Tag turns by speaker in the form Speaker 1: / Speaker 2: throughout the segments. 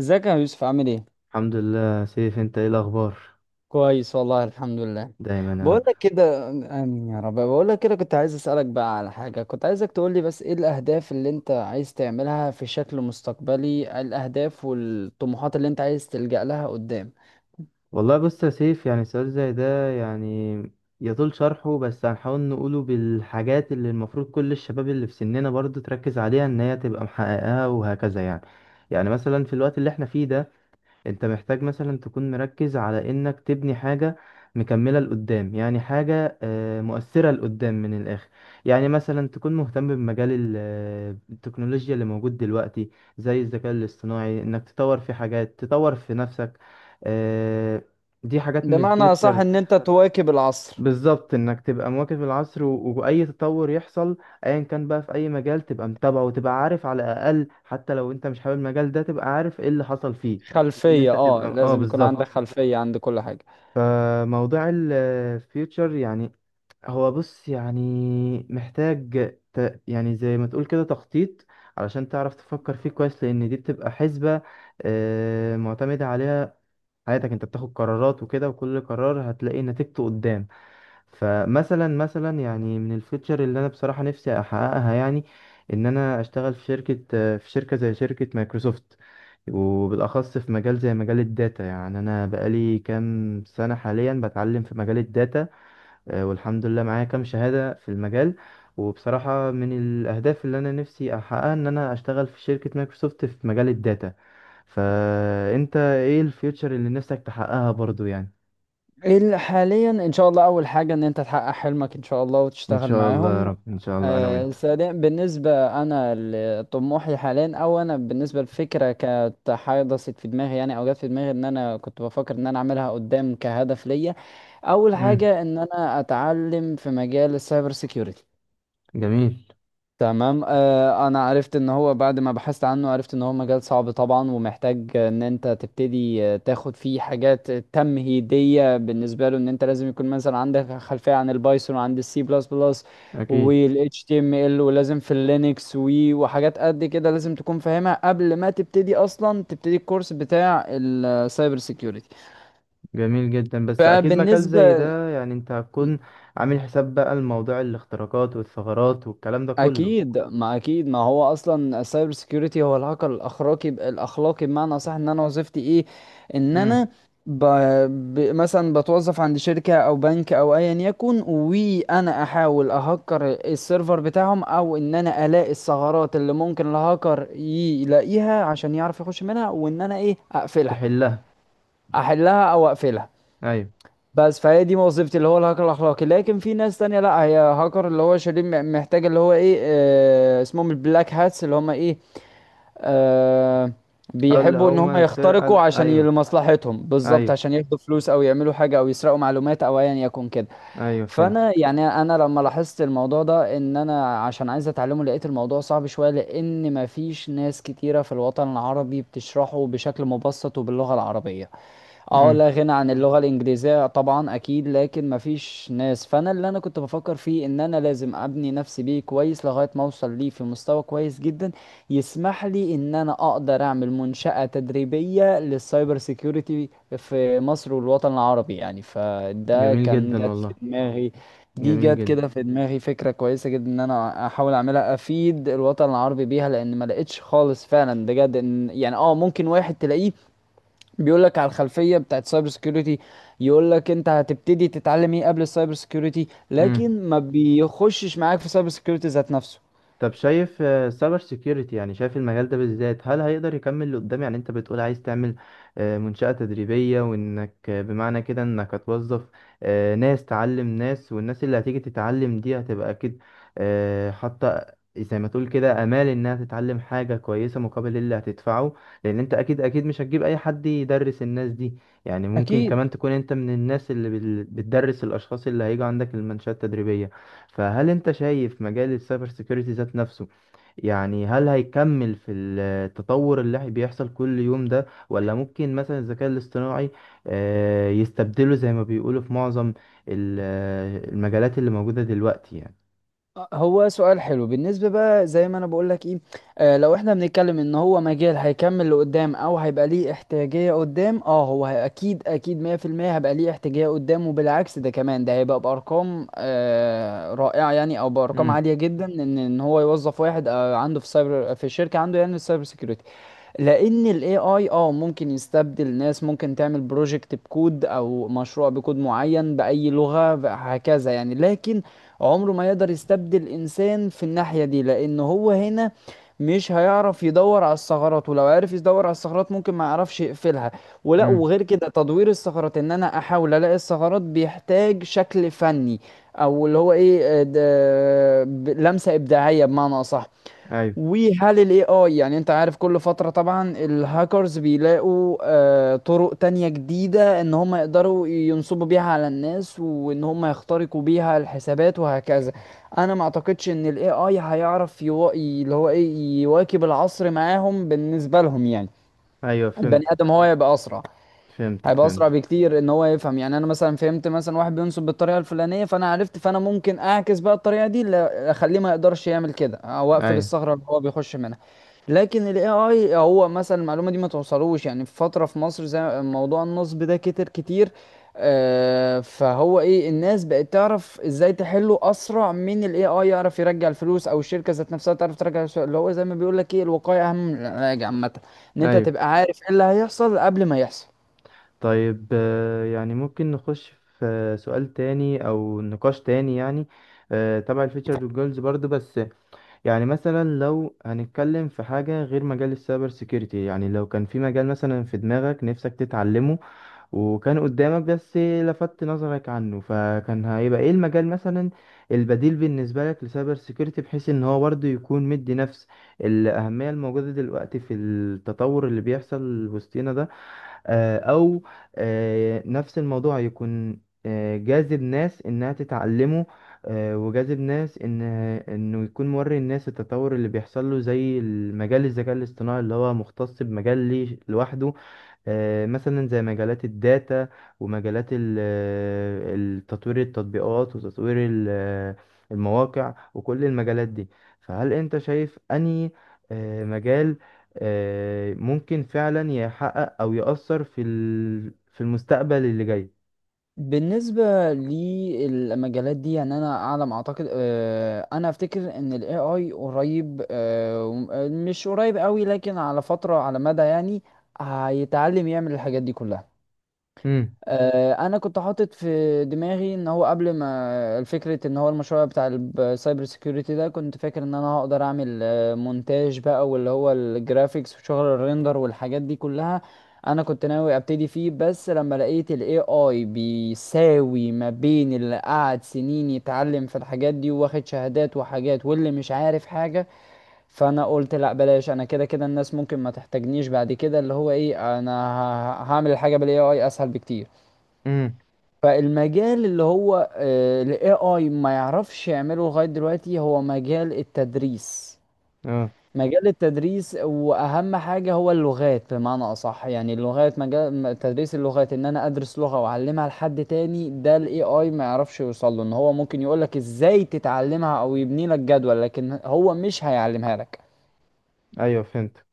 Speaker 1: ازيك يا يوسف عامل ايه؟
Speaker 2: الحمد لله يا سيف، انت ايه الاخبار؟
Speaker 1: كويس والله الحمد لله.
Speaker 2: دايما يا
Speaker 1: بقول
Speaker 2: رب.
Speaker 1: لك كده امين يا رب، بقول لك كده كنت عايز اسالك بقى على حاجه، كنت عايزك تقول لي بس ايه الاهداف اللي انت عايز تعملها في شكل مستقبلي، الاهداف والطموحات اللي انت عايز تلجأ لها قدام.
Speaker 2: والله بص يا سيف، يعني سؤال زي ده يعني يطول شرحه، بس هنحاول نقوله بالحاجات اللي المفروض كل الشباب اللي في سننا برضو تركز عليها ان هي تبقى محققاها وهكذا يعني. يعني مثلا في الوقت اللي احنا فيه ده، انت محتاج مثلا تكون مركز على انك تبني حاجة مكملة لقدام، يعني حاجة مؤثرة لقدام من الآخر. يعني مثلا تكون مهتم بمجال التكنولوجيا اللي موجود دلوقتي، زي الذكاء الاصطناعي، انك تطور في حاجات، تطور في نفسك. آه، دي حاجات من
Speaker 1: بمعنى صح
Speaker 2: الفيوتشر.
Speaker 1: ان انت تواكب العصر.
Speaker 2: بالظبط، انك تبقى مواكب العصر واي تطور يحصل ايا كان بقى في اي مجال، تبقى متابعه وتبقى عارف على الاقل، حتى لو انت مش حابب المجال ده تبقى عارف ايه اللي حصل فيه. ان
Speaker 1: خلفيه،
Speaker 2: انت
Speaker 1: اه
Speaker 2: تبقى اه،
Speaker 1: لازم يكون عندك
Speaker 2: بالظبط.
Speaker 1: خلفيه عند كل حاجه.
Speaker 2: فموضوع الفيوتشر يعني، هو بص يعني، محتاج يعني زي ما تقول كده تخطيط، علشان تعرف تفكر فيه كويس، لان دي بتبقى حسبة معتمدة عليها حياتك. انت بتاخد قرارات وكده، وكل قرار هتلاقي نتيجته قدام. فمثلا يعني من الفيتشر اللي انا بصراحه نفسي احققها، يعني ان انا اشتغل في شركه زي شركه مايكروسوفت، وبالاخص في مجال زي مجال الداتا. يعني انا بقالي كام سنه حاليا بتعلم في مجال الداتا. والحمد لله معايا كام شهاده في المجال. وبصراحه من الاهداف اللي انا نفسي احققها ان انا اشتغل في شركه مايكروسوفت في مجال الداتا. فانت ايه الفيوتشر اللي نفسك تحققها برضو يعني؟
Speaker 1: ايه اللي حاليا ان شاء الله، اول حاجه ان انت تحقق حلمك ان شاء الله
Speaker 2: ان
Speaker 1: وتشتغل
Speaker 2: شاء الله يا
Speaker 1: معاهم.
Speaker 2: رب، ان شاء الله انا وانت.
Speaker 1: سريع بالنسبة، أنا لطموحي حاليا، أو أنا بالنسبة للفكرة كانت حدثت في دماغي يعني، أو جت في دماغي إن أنا كنت بفكر إن أنا أعملها قدام كهدف ليا. أول حاجة إن أنا أتعلم في مجال السايبر سيكيورتي.
Speaker 2: جميل.
Speaker 1: تمام، آه انا عرفت ان هو بعد ما بحثت عنه عرفت ان هو مجال صعب طبعا، ومحتاج ان انت تبتدي تاخد فيه حاجات تمهيدية بالنسبة له، ان انت لازم يكون مثلا عندك خلفية عن البايثون وعن السي بلس بلس
Speaker 2: اكيد.
Speaker 1: وال HTML، ولازم في اللينكس وي وحاجات قد كده لازم تكون فاهمها قبل ما تبتدي اصلا تبتدي الكورس بتاع السايبر سيكيورتي.
Speaker 2: جميل جدا، بس اكيد مجال زي
Speaker 1: فبالنسبة
Speaker 2: ده يعني انت هتكون عامل حساب بقى، الموضوع الاختراقات والثغرات والكلام ده كله.
Speaker 1: اكيد، ما هو اصلا السايبر سيكيورتي هو الهاكر الاخلاقي، الاخلاقي بمعنى صح ان انا وظيفتي ايه، ان
Speaker 2: امم.
Speaker 1: انا ب... مثلا بتوظف عند شركة او بنك او ايا يكن، وانا احاول اهكر السيرفر بتاعهم، او ان انا الاقي الثغرات اللي ممكن الهاكر يلاقيها عشان يعرف يخش منها، وان انا ايه اقفلها،
Speaker 2: تحلها.
Speaker 1: احلها او اقفلها.
Speaker 2: ايوه.
Speaker 1: بس فهي دي وظيفتي اللي هو الهاكر الاخلاقي. لكن في ناس تانية لا، هي هاكر اللي هو شرير، محتاج اللي هو ايه، آه اسمهم البلاك هاتس، اللي هم ايه، آه
Speaker 2: اللي
Speaker 1: بيحبوا ان هم
Speaker 2: هما
Speaker 1: هم
Speaker 2: الفرقه
Speaker 1: يخترقوا عشان
Speaker 2: ايوه.
Speaker 1: لمصلحتهم بالظبط،
Speaker 2: ايوه.
Speaker 1: عشان ياخدوا فلوس او يعملوا حاجة او يسرقوا معلومات او ايا يكن كده.
Speaker 2: ايوه،
Speaker 1: فانا
Speaker 2: فهمتك.
Speaker 1: يعني انا لما لاحظت الموضوع ده ان انا عشان عايز اتعلمه، لقيت الموضوع صعب شوية لان مفيش ناس كتيرة في الوطن العربي بتشرحه بشكل مبسط وباللغة العربية. اه
Speaker 2: امم.
Speaker 1: لا غنى عن اللغة الإنجليزية طبعا أكيد، لكن مفيش ناس. فأنا اللي أنا كنت بفكر فيه إن أنا لازم أبني نفسي بيه كويس لغاية ما أوصل ليه في مستوى كويس جدا، يسمح لي إن أنا أقدر أعمل منشأة تدريبية للسايبر سيكيورتي في مصر والوطن العربي يعني. فده
Speaker 2: جميل
Speaker 1: كان
Speaker 2: جدا
Speaker 1: جت في
Speaker 2: والله.
Speaker 1: دماغي، دي
Speaker 2: جميل
Speaker 1: جت كده في دماغي فكرة كويسة جدا إن أنا أحاول أعملها أفيد الوطن العربي بيها، لأن ما لقيتش خالص فعلا بجد، إن يعني اه ممكن واحد تلاقيه بيقول لك على الخلفيه بتاعت سايبر سكيورتي، يقول لك انت هتبتدي تتعلم ايه قبل السايبر سكيورتي،
Speaker 2: جدا.
Speaker 1: لكن ما بيخشش معاك في سايبر سكيورتي ذات نفسه.
Speaker 2: طب شايف، سايبر سيكيورتي، يعني شايف المجال ده بالذات هل هيقدر يكمل لقدام؟ يعني انت بتقول عايز تعمل منشأة تدريبية، وانك بمعنى كده انك هتوظف ناس تعلم ناس، والناس اللي هتيجي تتعلم دي هتبقى اكيد حاطة زي ما تقول كده امال انها تتعلم حاجة كويسة مقابل اللي هتدفعه، لان انت اكيد اكيد مش هتجيب اي حد يدرس الناس دي. يعني ممكن
Speaker 1: اكيد.
Speaker 2: كمان تكون انت من الناس اللي بتدرس الاشخاص اللي هيجوا عندك المنشأة التدريبية. فهل انت شايف مجال السايبر سيكيورتي ذات نفسه، يعني هل هيكمل في التطور اللي بيحصل كل يوم ده، ولا ممكن مثلا الذكاء الاصطناعي يستبدله زي ما بيقولوا في معظم المجالات اللي موجودة دلوقتي يعني؟
Speaker 1: هو سؤال حلو. بالنسبه بقى زي ما انا بقول لك ايه، آه لو احنا بنتكلم ان هو مجال هيكمل لقدام او هيبقى ليه احتياجيه قدام، اه هو اكيد 100% هيبقى ليه احتياجيه قدام، وبالعكس ده كمان، ده هيبقى بارقام آه رائعه يعني، او بارقام
Speaker 2: امم.
Speaker 1: عاليه جدا، ان ان هو يوظف واحد آه عنده في سايبر، في الشركه عنده يعني السايبر سكيورتي. لان الاي اي اه ممكن يستبدل ناس، ممكن تعمل بروجكت بكود او مشروع بكود معين باي لغة هكذا يعني، لكن عمره ما يقدر يستبدل انسان في الناحية دي، لان هو هنا مش هيعرف يدور على الثغرات، ولو عرف يدور على الثغرات ممكن ما يعرفش يقفلها. ولا
Speaker 2: امم.
Speaker 1: وغير كده تدوير الثغرات ان انا احاول الاقي الثغرات بيحتاج شكل فني، او اللي هو ايه لمسة ابداعية بمعنى اصح.
Speaker 2: ايوه.
Speaker 1: وهل الاي اي، يعني انت عارف كل فترة طبعا الهاكرز بيلاقوا طرق تانية جديدة ان هم يقدروا ينصبوا بيها على الناس، وان هم يخترقوا بيها الحسابات وهكذا. انا ما اعتقدش ان الاي اي هيعرف اللي هو ايه يواكب العصر معاهم بالنسبة لهم يعني.
Speaker 2: ايوه،
Speaker 1: البني ادم
Speaker 2: فهمتك
Speaker 1: هو يبقى اسرع،
Speaker 2: فهمتك
Speaker 1: هيبقى اسرع
Speaker 2: فهمتك.
Speaker 1: بكتير ان هو يفهم. يعني انا مثلا فهمت مثلا واحد بينصب بالطريقه الفلانيه، فانا عرفت، فانا ممكن اعكس بقى الطريقه دي اخليه ما يقدرش يعمل كده، او اقفل
Speaker 2: ايوه.
Speaker 1: الثغره اللي هو بيخش منها. لكن الاي اي هو مثلا المعلومه دي ما توصلوش، يعني في فتره في مصر زي موضوع النصب ده كتر كتير. فهو ايه، الناس بقت تعرف ازاي تحله اسرع من الاي اي يعرف يرجع الفلوس، او الشركه ذات نفسها تعرف ترجع الفلوس، اللي هو زي ما بيقول لك ايه الوقايه اهم من العلاج عامه، ان انت
Speaker 2: ايوه.
Speaker 1: تبقى عارف ايه اللي هيحصل قبل ما يحصل.
Speaker 2: طيب، يعني ممكن نخش في سؤال تاني او نقاش تاني، يعني تبع الفيتشر والجولز برضو، بس يعني مثلا لو هنتكلم في حاجة غير مجال السايبر سيكيورتي، يعني لو كان في مجال مثلا في دماغك نفسك تتعلمه، وكان قدامك بس لفت نظرك عنه، فكان هيبقى ايه المجال مثلا البديل بالنسبة لك لسايبر سيكيورتي، بحيث ان هو برضه يكون مدي نفس الأهمية الموجودة دلوقتي في التطور اللي بيحصل وسطينا ده. او نفس الموضوع يكون جاذب ناس انها تتعلمه، وجاذب ناس ان انه يكون موري الناس التطور اللي بيحصل له، زي المجال الذكاء الاصطناعي اللي هو مختص بمجال ليه لوحده. مثلا زي مجالات الداتا ومجالات تطوير التطبيقات، وتطوير المواقع، وكل المجالات دي. فهل انت شايف انهي مجال ممكن فعلا يحقق او يأثر في في المستقبل اللي جاي؟
Speaker 1: بالنسبة للمجالات دي يعني أنا أعلم أعتقد، أنا أفتكر إن ال AI قريب، مش قريب قوي، لكن على فترة على مدى يعني هيتعلم يعمل الحاجات دي كلها.
Speaker 2: امم.
Speaker 1: انا كنت حاطط في دماغي ان هو قبل ما، الفكرة ان هو المشروع بتاع السايبر سيكيورتي ده، كنت فاكر ان انا هقدر اعمل مونتاج بقى واللي هو الجرافيكس وشغل الريندر والحاجات دي كلها. انا كنت ناوي ابتدي فيه، بس لما لقيت الاي اي بيساوي ما بين اللي قعد سنين يتعلم في الحاجات دي واخد شهادات وحاجات، واللي مش عارف حاجة، فانا قلت لا بلاش. انا كده كده الناس ممكن ما تحتاجنيش بعد كده، اللي هو ايه انا هعمل الحاجة بالاي اي اسهل بكتير.
Speaker 2: امم.
Speaker 1: فالمجال اللي هو ال AI ما يعرفش يعمله لغاية دلوقتي هو مجال التدريس.
Speaker 2: اه.
Speaker 1: مجال التدريس وأهم حاجة هو اللغات بمعنى أصح، يعني اللغات، مجال تدريس اللغات، إن أنا أدرس لغة وأعلمها لحد تاني، ده ال AI ما يعرفش يوصل له، إن هو ممكن يقولك إزاي تتعلمها أو يبني لك جدول، لكن هو مش هيعلمها لك.
Speaker 2: ايوه فهمت.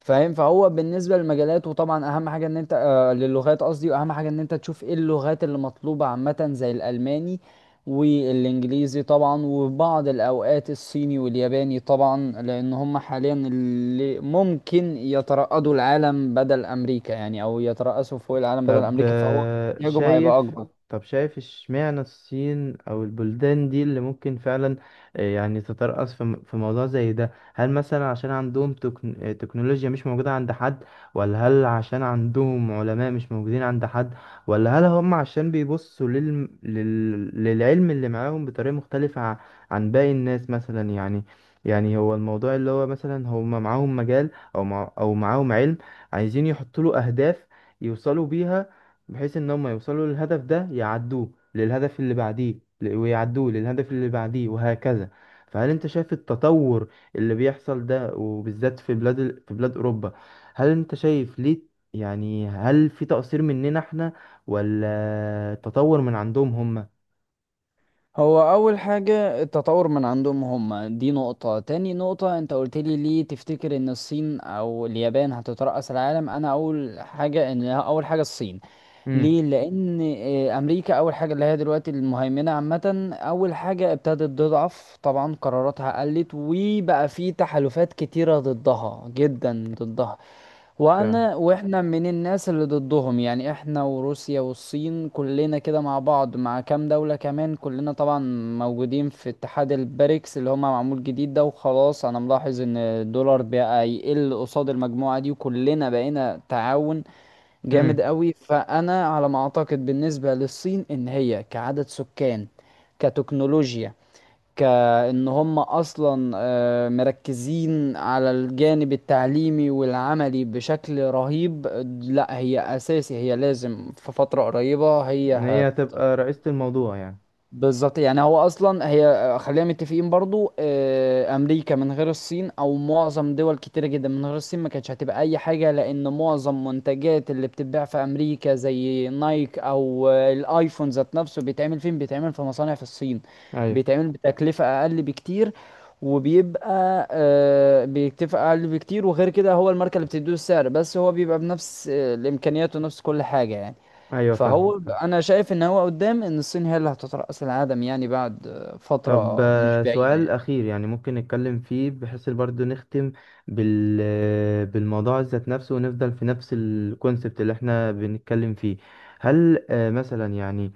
Speaker 1: فاهم، فهو بالنسبه للمجالات، وطبعا اهم حاجه ان انت آه للغات قصدي، واهم حاجه ان انت تشوف ايه اللغات اللي مطلوبه عامه زي الالماني والانجليزي طبعا، وبعض الاوقات الصيني والياباني طبعا، لان هم حاليا اللي ممكن يترأسوا العالم بدل امريكا يعني، او يترأسوا فوق العالم بدل
Speaker 2: طب
Speaker 1: امريكا، فهو احتياجهم هيبقى اكبر.
Speaker 2: شايف، اشمعنى الصين او البلدان دي اللي ممكن فعلا يعني تترأس في في موضوع زي ده؟ هل مثلا عشان عندهم تكنولوجيا مش موجودة عند حد؟ ولا هل عشان عندهم علماء مش موجودين عند حد؟ ولا هل هم عشان بيبصوا للعلم اللي معاهم بطريقة مختلفة عن باقي الناس مثلا؟ يعني، يعني هو الموضوع اللي هو مثلا هم معاهم مجال او معاهم علم عايزين يحطوا له اهداف يوصلوا بيها، بحيث ان هم يوصلوا للهدف ده، يعدوه للهدف اللي بعديه، ويعدوه للهدف اللي بعديه وهكذا. فهل انت شايف التطور اللي بيحصل ده، وبالذات في بلاد في بلاد اوروبا؟ هل انت شايف ليه؟ يعني هل في تقصير مننا احنا، ولا تطور من عندهم هم؟
Speaker 1: هو اول حاجة التطور من عندهم هم دي نقطة، تاني نقطة انت قلت لي ليه تفتكر ان الصين او اليابان هتترأس العالم. انا اول حاجة ان اول حاجة الصين
Speaker 2: امم.
Speaker 1: ليه، لان امريكا اول حاجة اللي هي دلوقتي المهيمنة عامة اول حاجة ابتدت تضعف، طبعا قراراتها قلت، وبقى في تحالفات كتيرة ضدها جدا ضدها.
Speaker 2: فعلا.
Speaker 1: وانا واحنا من الناس اللي ضدهم يعني، احنا وروسيا والصين كلنا كده مع بعض، مع كام دولة كمان كلنا طبعا موجودين في اتحاد البريكس اللي هو معمول جديد ده. وخلاص انا ملاحظ ان الدولار بقى يقل قصاد المجموعة دي، وكلنا بقينا تعاون جامد
Speaker 2: امم.
Speaker 1: قوي. فانا على ما اعتقد بالنسبة للصين ان هي كعدد سكان، كتكنولوجيا، كأن هم أصلا مركزين على الجانب التعليمي والعملي بشكل رهيب. لا هي أساسي، هي لازم في فترة قريبة
Speaker 2: ان
Speaker 1: هي،
Speaker 2: هي تبقى رئيسة الموضوع يعني؟
Speaker 1: بالظبط يعني هو اصلا هي خلينا متفقين برضو، امريكا من غير الصين او معظم دول كتيره جدا من غير الصين ما كانتش هتبقى اي حاجه، لان معظم منتجات اللي بتتباع في امريكا زي نايك او الايفون ذات نفسه بيتعمل فين، بيتعمل في مصانع في الصين،
Speaker 2: ايوه.
Speaker 1: بيتعمل بتكلفه اقل بكتير، وبيبقى بيكتفى اقل بكتير، وغير كده هو الماركه اللي بتديه السعر، بس هو بيبقى بنفس الامكانيات ونفس كل حاجه يعني.
Speaker 2: ايوه فاهمك
Speaker 1: فهو
Speaker 2: فاهمك.
Speaker 1: انا شايف ان هو قدام ان الصين هي اللي هتطرح كاس العالم يعني، بعد
Speaker 2: طب
Speaker 1: فتره مش بعيده
Speaker 2: سؤال
Speaker 1: يعني.
Speaker 2: أخير يعني ممكن نتكلم فيه، بحيث برضه نختم بالموضوع ذات نفسه، ونفضل في نفس الكونسبت اللي احنا بنتكلم فيه. هل مثلا يعني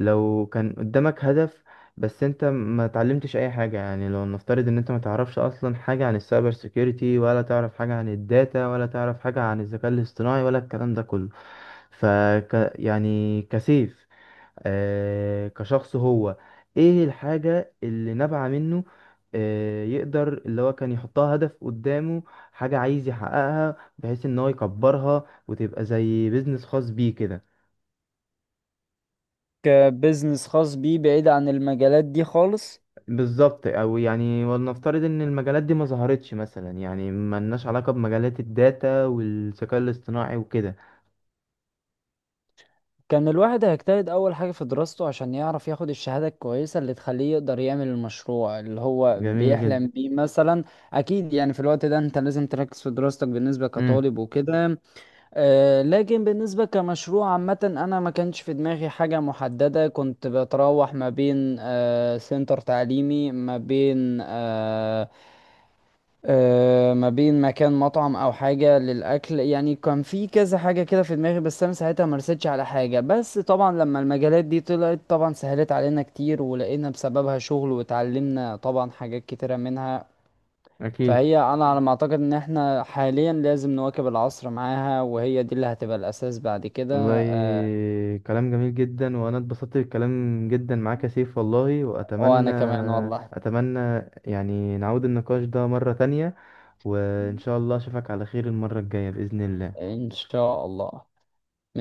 Speaker 2: لو كان قدامك هدف، بس انت ما تعلمتش اي حاجة، يعني لو نفترض ان انت ما تعرفش اصلا حاجة عن السايبر سيكيورتي، ولا تعرف حاجة عن الداتا، ولا تعرف حاجة عن الذكاء الاصطناعي، ولا الكلام ده كله، ف يعني كسيف، كشخص، هو ايه الحاجة اللي نابعة منه، يقدر اللي هو كان يحطها هدف قدامه، حاجة عايز يحققها بحيث ان هو يكبرها وتبقى زي بيزنس خاص بيه كده؟
Speaker 1: كبزنس خاص بيه بعيد عن المجالات دي خالص.
Speaker 2: بالظبط. او يعني ولنفترض ان المجالات دي ما ظهرتش مثلا، يعني ما لناش علاقة بمجالات الداتا والذكاء الاصطناعي وكده.
Speaker 1: كان الواحد هيجتهد اول حاجه في دراسته عشان يعرف ياخد الشهاده الكويسه اللي تخليه يقدر يعمل المشروع اللي هو
Speaker 2: جميل
Speaker 1: بيحلم
Speaker 2: جدا.
Speaker 1: بيه مثلا. اكيد يعني في الوقت ده انت لازم تركز في دراستك بالنسبه
Speaker 2: امم.
Speaker 1: كطالب وكده. لكن بالنسبة كمشروع عامة، أنا ما كانش في دماغي حاجة محددة، كنت بتراوح ما بين سنتر تعليمي، ما بين ما بين مكان مطعم أو حاجة للأكل، يعني كان في كذا حاجة كده في دماغي، بس أنا ساعتها ما رستش على حاجة. بس طبعا لما المجالات دي طلعت طبعا سهلت علينا كتير، ولقينا بسببها شغل، واتعلمنا طبعا حاجات كتيرة منها.
Speaker 2: اكيد.
Speaker 1: فهي انا على ما اعتقد ان احنا حاليا لازم نواكب العصر معاها، وهي دي اللي هتبقى الاساس بعد كده.
Speaker 2: والله كلام جميل جدا، وانا اتبسطت بالكلام جدا معاك يا سيف والله. واتمنى،
Speaker 1: وانا كمان والله
Speaker 2: اتمنى يعني نعود النقاش ده مرة تانية، وان شاء الله اشوفك على خير المرة الجاية بإذن الله.
Speaker 1: ان شاء الله.